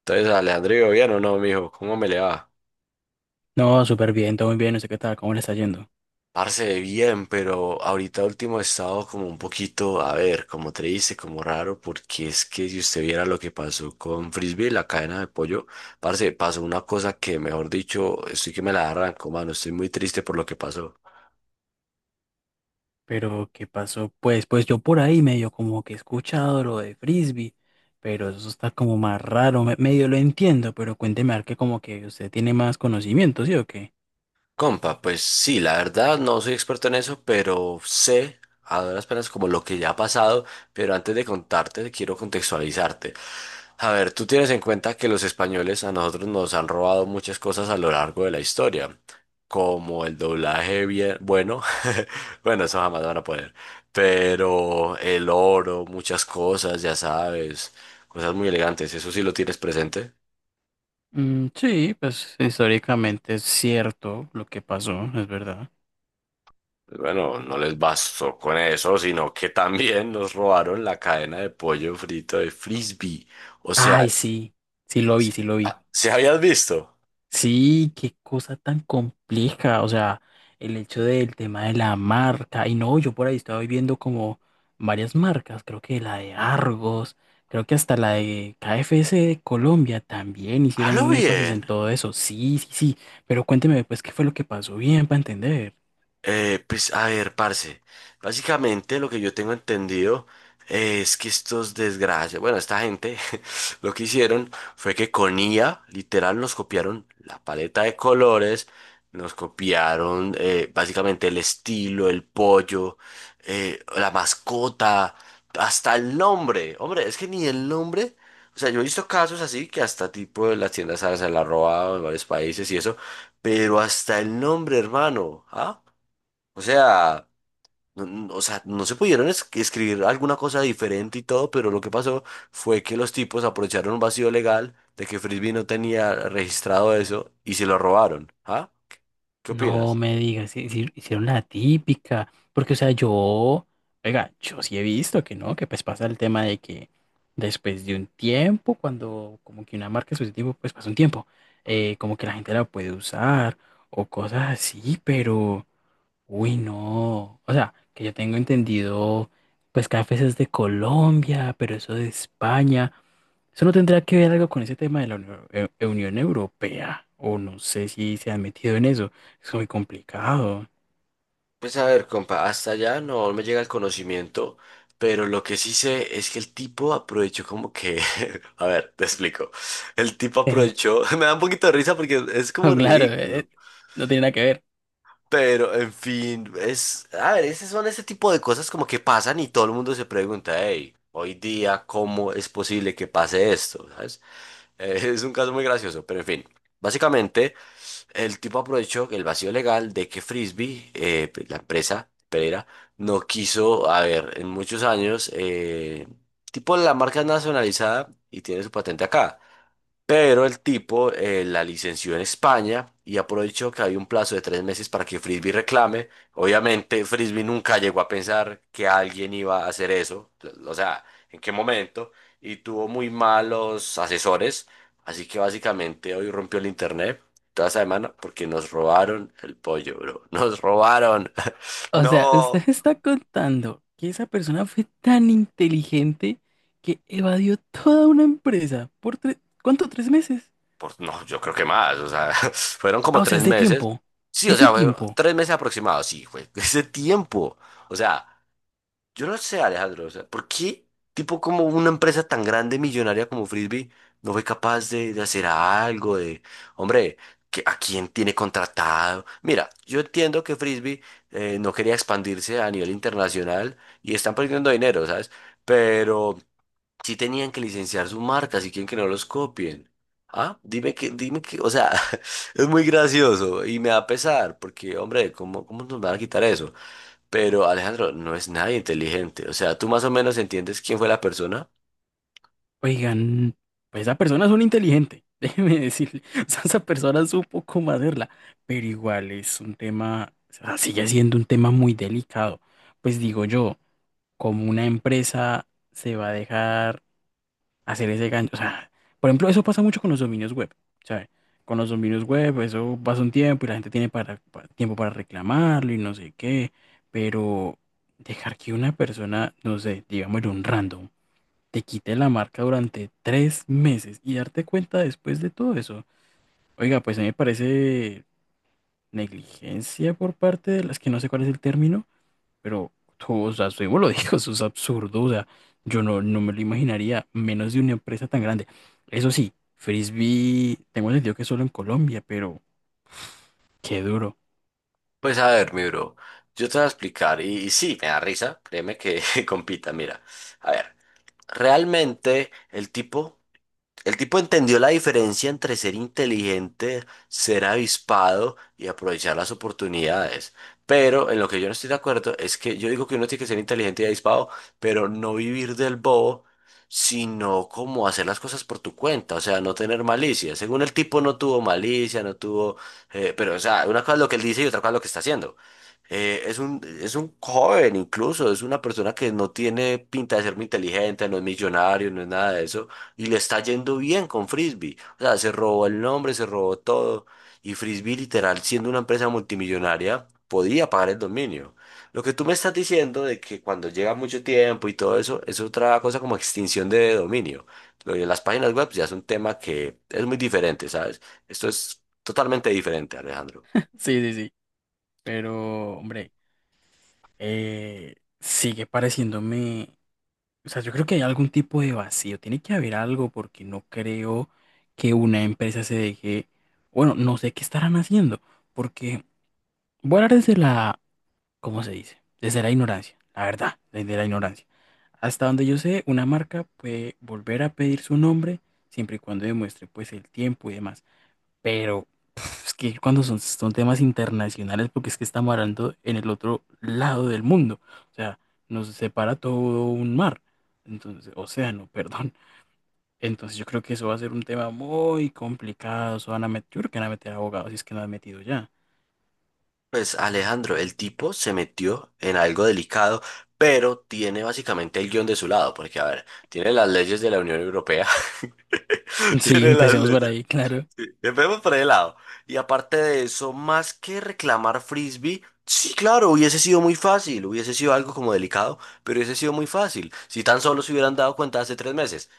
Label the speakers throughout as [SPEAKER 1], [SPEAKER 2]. [SPEAKER 1] Entonces, Alejandro, ¿bien o no, mijo? ¿Cómo me le va?
[SPEAKER 2] No, súper bien, todo muy bien, no sé qué tal, cómo le está yendo.
[SPEAKER 1] Parce, bien, pero ahorita último he estado como un poquito, a ver, como te dice, como raro, porque es que si usted viera lo que pasó con Frisbee, la cadena de pollo, parce, pasó una cosa que, mejor dicho, estoy que me la arranco, mano, estoy muy triste por lo que pasó.
[SPEAKER 2] Pero, ¿qué pasó? Pues, pues yo por ahí medio como que he escuchado lo de frisbee, pero eso está como más raro, medio lo entiendo, pero cuénteme a ver que como que usted tiene más conocimiento, ¿sí o qué?
[SPEAKER 1] Compa, pues sí, la verdad no soy experto en eso, pero sé a duras penas como lo que ya ha pasado, pero antes de contarte quiero contextualizarte. A ver, tú tienes en cuenta que los españoles a nosotros nos han robado muchas cosas a lo largo de la historia, como el doblaje bien, bueno, bueno, eso jamás van a poder, pero el oro, muchas cosas, ya sabes, cosas muy elegantes, eso sí lo tienes presente.
[SPEAKER 2] Mm, sí, pues históricamente es cierto lo que pasó, es verdad.
[SPEAKER 1] Bueno, no les bastó con eso, sino que también nos robaron la cadena de pollo frito de Frisbee. O sea,
[SPEAKER 2] Ay, sí, sí lo vi, sí lo vi.
[SPEAKER 1] ¿si habías visto?
[SPEAKER 2] Sí, qué cosa tan compleja, o sea, el hecho del tema de la marca, y no, yo por ahí estaba viendo como varias marcas, creo que la de Argos, creo que hasta la de KFC de Colombia también hicieron
[SPEAKER 1] Halo
[SPEAKER 2] un énfasis en
[SPEAKER 1] bien.
[SPEAKER 2] todo eso, sí, sí, sí, pero cuénteme pues qué fue lo que pasó bien para entender.
[SPEAKER 1] Pues a ver, parce. Básicamente lo que yo tengo entendido es que estos desgracias, bueno, esta gente lo que hicieron fue que con IA, literal, nos copiaron la paleta de colores, nos copiaron básicamente el estilo, el pollo, la mascota, hasta el nombre. Hombre, es que ni el nombre. O sea, yo he visto casos así que hasta tipo de las tiendas, ¿sabes? Se la han robado en varios países y eso, pero hasta el nombre, hermano, ¿ah? O sea, o sea, no se pudieron escribir alguna cosa diferente y todo, pero lo que pasó fue que los tipos aprovecharon un vacío legal de que Frisbee no tenía registrado eso y se lo robaron. ¿Ah? ¿Qué
[SPEAKER 2] No
[SPEAKER 1] opinas?
[SPEAKER 2] me digas, hicieron la típica, porque o sea, yo, oiga, yo sí he visto que no, que pues pasa el tema de que después de un tiempo, cuando como que una marca su tiempo, pues pasa un tiempo, como que la gente la puede usar o cosas así, pero, uy, no, o sea, que yo tengo entendido, pues cafés es de Colombia, pero eso de España, eso no tendrá que ver algo con ese tema de la Unión Europea, o no sé si se han metido en eso. Es muy complicado.
[SPEAKER 1] Pues a ver, compa, hasta allá no me llega el conocimiento, pero lo que sí sé es que el tipo aprovechó como que, a ver, te explico. El tipo aprovechó, me da un poquito de risa porque es como
[SPEAKER 2] No, claro,
[SPEAKER 1] ridículo.
[SPEAKER 2] no tiene nada que ver.
[SPEAKER 1] Pero, en fin, es, a ver, esas son ese tipo de cosas como que pasan y todo el mundo se pregunta, hey, hoy día, ¿cómo es posible que pase esto? ¿Sabes? Es un caso muy gracioso, pero en fin. Básicamente, el tipo aprovechó el vacío legal de que Frisbee, pues, la empresa Pereira, no quiso, a ver, en muchos años, tipo la marca es nacionalizada y tiene su patente acá. Pero el tipo la licenció en España y aprovechó que había un plazo de 3 meses para que Frisbee reclame. Obviamente, Frisbee nunca llegó a pensar que alguien iba a hacer eso, o sea, en qué momento, y tuvo muy malos asesores. Así que básicamente hoy rompió el internet toda esa semana porque nos robaron el pollo, bro. Nos robaron.
[SPEAKER 2] O sea, usted
[SPEAKER 1] No.
[SPEAKER 2] me está contando que esa persona fue tan inteligente que evadió toda una empresa por tres, ¿cuánto? ¿Tres meses?
[SPEAKER 1] Por, no, yo creo que más, o sea, fueron
[SPEAKER 2] Ah,
[SPEAKER 1] como
[SPEAKER 2] o sea,
[SPEAKER 1] tres
[SPEAKER 2] es de
[SPEAKER 1] meses.
[SPEAKER 2] tiempo.
[SPEAKER 1] Sí, o
[SPEAKER 2] Es de
[SPEAKER 1] sea, fueron
[SPEAKER 2] tiempo.
[SPEAKER 1] 3 meses aproximados, sí, fue ese tiempo. O sea, yo no sé, Alejandro, o sea, ¿por qué tipo como una empresa tan grande, millonaria como Frisbee, no fue capaz de hacer algo de, hombre, que, ¿a quién tiene contratado? Mira, yo entiendo que Frisbee no quería expandirse a nivel internacional y están perdiendo dinero, ¿sabes? Pero sí tenían que licenciar su marca, si quieren que no los copien. Ah, dime que, o sea, es muy gracioso y me da pesar, porque, hombre, ¿cómo nos van a quitar eso? Pero Alejandro, no es nadie inteligente. O sea, tú más o menos entiendes quién fue la persona.
[SPEAKER 2] Oigan, pues esa persona es un inteligente, déjeme decirle. O sea, esa persona supo cómo hacerla, pero igual es un tema, o sea, sigue siendo un tema muy delicado. Pues digo yo, como una empresa se va a dejar hacer ese gancho? O sea, por ejemplo, eso pasa mucho con los dominios web, ¿sabes? Con los dominios web, eso pasa un tiempo y la gente tiene tiempo para reclamarlo y no sé qué, pero dejar que una persona, no sé, digamos, un random te quite la marca durante tres meses y darte cuenta después de todo eso. Oiga, pues a mí me parece negligencia por parte de las que no sé cuál es el término, pero, o sea, usted mismo lo dijo, eso es absurdo, o sea, yo no, no me lo imaginaría, menos de una empresa tan grande. Eso sí, Frisbee, tengo entendido que solo en Colombia, pero qué duro.
[SPEAKER 1] Pues a ver, mi bro, yo te voy a explicar. Y sí, me da risa, créeme que compita, mira. A ver, realmente el tipo... El tipo entendió la diferencia entre ser inteligente, ser avispado y aprovechar las oportunidades. Pero en lo que yo no estoy de acuerdo es que yo digo que uno tiene que ser inteligente y avispado, pero no vivir del bobo, sino como hacer las cosas por tu cuenta, o sea, no tener malicia. Según el tipo no tuvo malicia, no tuvo... pero, o sea, una cosa es lo que él dice y otra cosa es lo que está haciendo. Es un joven incluso, es una persona que no tiene pinta de ser muy inteligente, no es millonario, no es nada de eso y le está yendo bien con Frisbee. O sea, se robó el nombre, se robó todo. Y Frisbee, literal, siendo una empresa multimillonaria, podía pagar el dominio. Lo que tú me estás diciendo de que cuando llega mucho tiempo y todo eso, es otra cosa como extinción de dominio. Lo de las páginas web ya es un tema que es muy diferente, ¿sabes? Esto es totalmente diferente, Alejandro.
[SPEAKER 2] Sí, sí, sí, pero, hombre, eh, sigue pareciéndome. O sea, yo creo que hay algún tipo de vacío, tiene que haber algo porque no creo que una empresa se deje, bueno, no sé qué estarán haciendo, porque voy a hablar desde la, ¿cómo se dice? Desde la ignorancia, la verdad, desde la ignorancia. Hasta donde yo sé, una marca puede volver a pedir su nombre siempre y cuando demuestre pues el tiempo y demás. Pero pf, es que cuando son temas internacionales, porque es que estamos hablando en el otro lado del mundo, o sea, nos separa todo un mar, entonces, océano, perdón. Entonces yo creo que eso va a ser un tema muy complicado, eso van a meter, yo creo que van a meter abogados si es que no han metido ya.
[SPEAKER 1] Pues Alejandro, el tipo se metió en algo delicado, pero tiene básicamente el guión de su lado, porque a ver, tiene las leyes de la Unión Europea,
[SPEAKER 2] Sí,
[SPEAKER 1] tiene las
[SPEAKER 2] empecemos por
[SPEAKER 1] leyes,
[SPEAKER 2] ahí, claro.
[SPEAKER 1] sí, empecemos por el lado. Y aparte de eso, más que reclamar frisbee, sí, claro, hubiese sido muy fácil, hubiese sido algo como delicado, pero hubiese sido muy fácil, si tan solo se hubieran dado cuenta hace 3 meses.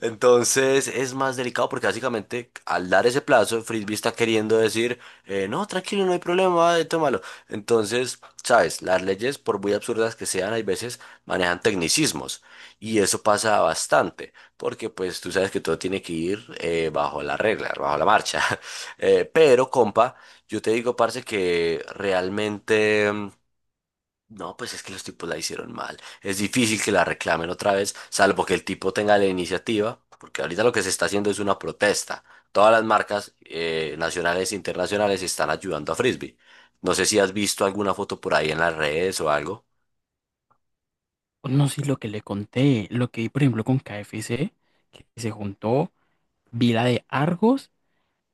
[SPEAKER 1] Entonces es más delicado porque básicamente al dar ese plazo, Frisbee está queriendo decir, no, tranquilo, no hay problema, tómalo. Entonces, sabes, las leyes, por muy absurdas que sean, hay veces manejan tecnicismos y eso pasa bastante porque pues tú sabes que todo tiene que ir bajo la regla, bajo la marcha. Pero, compa, yo te digo, parce, que realmente... No, pues es que los tipos la hicieron mal. Es difícil que la reclamen otra vez, salvo que el tipo tenga la iniciativa, porque ahorita lo que se está haciendo es una protesta. Todas las marcas nacionales e internacionales están ayudando a Frisbee. No sé si has visto alguna foto por ahí en las redes o algo.
[SPEAKER 2] No sé lo que le conté, lo que vi, por ejemplo, con KFC, que se juntó, vi la de Argos.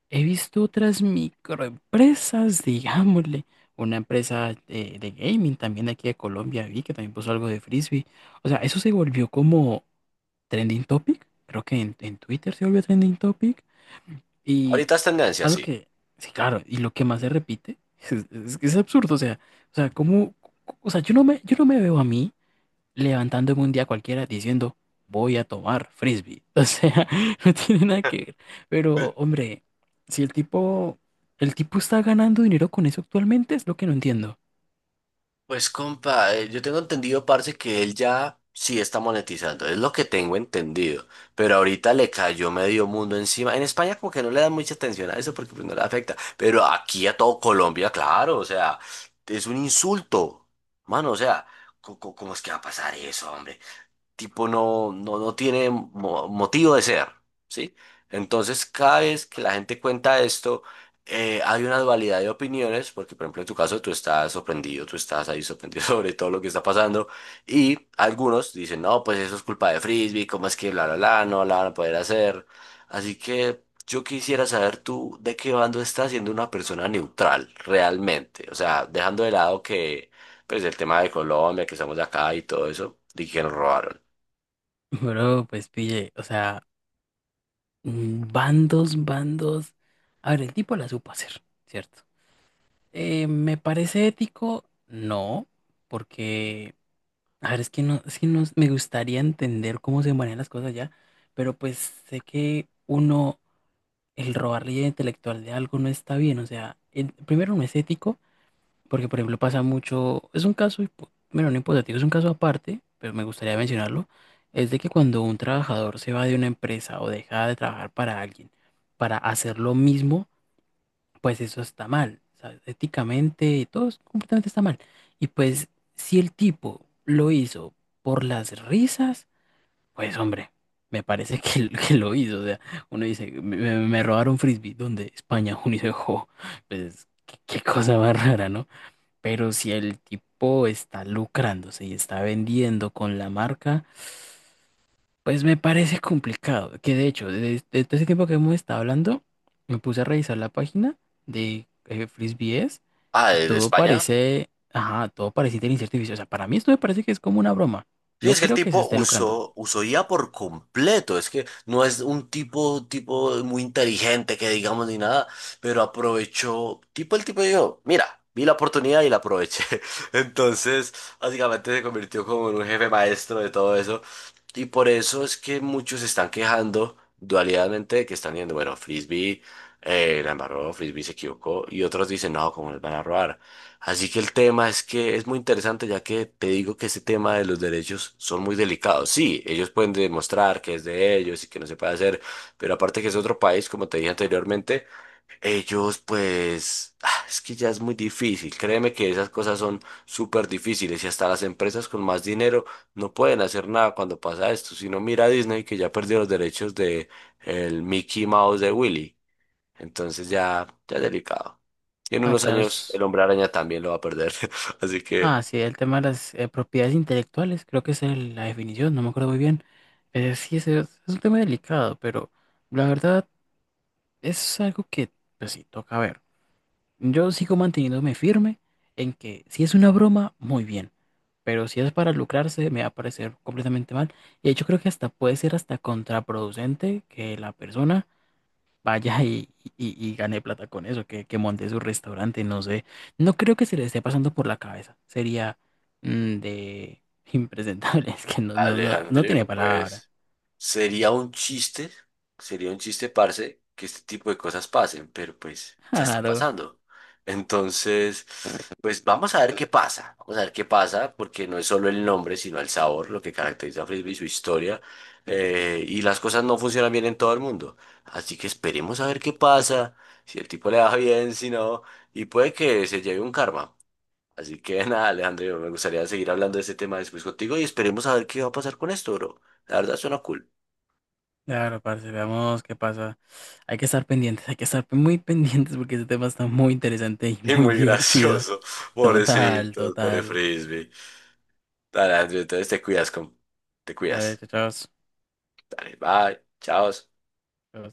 [SPEAKER 2] He visto otras microempresas, digámosle, una empresa de gaming también de aquí de Colombia, vi que también puso algo de frisbee. O sea, eso se volvió como trending topic, creo que en Twitter se volvió trending topic. Y
[SPEAKER 1] Ahorita es tendencia,
[SPEAKER 2] algo
[SPEAKER 1] sí.
[SPEAKER 2] que, sí, claro, y lo que más se repite, es que es absurdo, o sea, como, o sea, yo no me veo a mí levantándome un día cualquiera diciendo, voy a tomar frisbee. O sea, no tiene nada que ver. Pero, hombre, si el tipo, el tipo está ganando dinero con eso actualmente, es lo que no entiendo.
[SPEAKER 1] Pues compa, yo tengo entendido, parce, que él ya sí está monetizando, es lo que tengo entendido, pero ahorita le cayó medio mundo encima. En España como que no le dan mucha atención a eso porque pues, no le afecta, pero aquí a todo Colombia, claro, o sea, es un insulto, mano, o sea, ¿cómo es que va a pasar eso, hombre? Tipo no tiene motivo de ser, ¿sí? Entonces, cada vez que la gente cuenta esto, hay una dualidad de opiniones, porque por ejemplo en tu caso tú estás sorprendido, tú estás ahí sorprendido sobre todo lo que está pasando, y algunos dicen, no, pues eso es culpa de Frisbee, ¿cómo es que bla, bla, bla, no la van a poder hacer? Así que yo quisiera saber tú de qué bando estás siendo una persona neutral, realmente, o sea, dejando de lado que pues el tema de Colombia, que estamos acá y todo eso, y que nos robaron.
[SPEAKER 2] Pero, pues, pille, o sea, mm, bandos, bandos. A ver, el tipo la supo hacer, ¿cierto? ¿Me parece ético? No, porque, a ver, es que no, me gustaría entender cómo se manejan las cosas ya, pero pues sé que uno el robar la idea intelectual de algo no está bien. O sea, primero no es ético, porque por ejemplo pasa mucho, es un caso, bueno, no hipotético, es un caso aparte, pero me gustaría mencionarlo, es de que cuando un trabajador se va de una empresa o deja de trabajar para alguien para hacer lo mismo, pues eso está mal. O sea, éticamente, completamente está mal. Y pues si el tipo lo hizo por las risas, pues hombre, me parece que, que lo hizo. O sea, uno dice, me robaron frisbee. ¿Dónde? España. Uno dice, "Jo, pues qué, qué cosa más rara, ¿no?" Pero si el tipo está lucrándose y está vendiendo con la marca, pues me parece complicado. Que de hecho, desde todo ese tiempo que hemos estado hablando, me puse a revisar la página de frisbees
[SPEAKER 1] Ah,
[SPEAKER 2] y
[SPEAKER 1] de
[SPEAKER 2] todo
[SPEAKER 1] España.
[SPEAKER 2] parece, ajá, todo parece inteligencia artificial. O sea, para mí esto me parece que es como una broma.
[SPEAKER 1] Sí, es
[SPEAKER 2] No
[SPEAKER 1] que el
[SPEAKER 2] creo que se
[SPEAKER 1] tipo
[SPEAKER 2] esté lucrando.
[SPEAKER 1] usó IA por completo. Es que no es un tipo, tipo muy inteligente que digamos ni nada, pero aprovechó. Tipo, el tipo dijo, mira, vi la oportunidad y la aproveché. Entonces, básicamente se convirtió como en un jefe maestro de todo eso. Y por eso es que muchos se están quejando dualidadmente de que están diciendo, bueno, Frisbee la embarró, Frisbee se equivocó. Y otros dicen, no, ¿cómo les van a robar? Así que el tema es que es muy interesante, ya que te digo que ese tema de los derechos son muy delicados. Sí, ellos pueden demostrar que es de ellos y que no se puede hacer, pero aparte que es otro país, como te dije anteriormente, ellos pues ah, es que ya es muy difícil. Créeme que esas cosas son súper difíciles y hasta las empresas con más dinero no pueden hacer nada cuando pasa esto. Si no, mira a Disney que ya perdió los derechos de el Mickey Mouse de Willy. Entonces ya es delicado. Y en
[SPEAKER 2] No,
[SPEAKER 1] unos
[SPEAKER 2] claro.
[SPEAKER 1] años el hombre araña también lo va a perder. Así que
[SPEAKER 2] Ah, sí, el tema de las propiedades intelectuales, creo que esa es la definición, no me acuerdo muy bien. Sí, es un tema delicado, pero la verdad es algo que, pues sí, toca ver. Yo sigo manteniéndome firme en que si es una broma, muy bien, pero si es para lucrarse, me va a parecer completamente mal. Y de hecho creo que hasta puede ser hasta contraproducente que la persona vaya y gane plata con eso, que monte su restaurante, no sé. No creo que se le esté pasando por la cabeza. Sería mm, de impresentable, es que no tiene
[SPEAKER 1] Alejandro,
[SPEAKER 2] palabra.
[SPEAKER 1] pues sería un chiste, sería un chiste, parce, que este tipo de cosas pasen, pero pues ya está
[SPEAKER 2] Claro.
[SPEAKER 1] pasando. Entonces, pues vamos a ver qué pasa, vamos a ver qué pasa, porque no es solo el nombre, sino el sabor, lo que caracteriza a Frisbee, su historia, y las cosas no funcionan bien en todo el mundo. Así que esperemos a ver qué pasa, si el tipo le va bien, si no, y puede que se lleve un karma. Así que nada, Alejandro, me gustaría seguir hablando de este tema después contigo y esperemos a ver qué va a pasar con esto, bro. La verdad suena cool.
[SPEAKER 2] Claro, parce, veamos qué pasa. Hay que estar pendientes, hay que estar muy pendientes porque ese tema está muy interesante y
[SPEAKER 1] Y
[SPEAKER 2] muy
[SPEAKER 1] muy
[SPEAKER 2] divertido.
[SPEAKER 1] gracioso.
[SPEAKER 2] Total,
[SPEAKER 1] Pobrecitos, pobre
[SPEAKER 2] total.
[SPEAKER 1] frisbee. Dale, Andrew, entonces te cuidas, con... te
[SPEAKER 2] Dale,
[SPEAKER 1] cuidas.
[SPEAKER 2] chao, chao.
[SPEAKER 1] Dale, bye, chao.
[SPEAKER 2] Chao.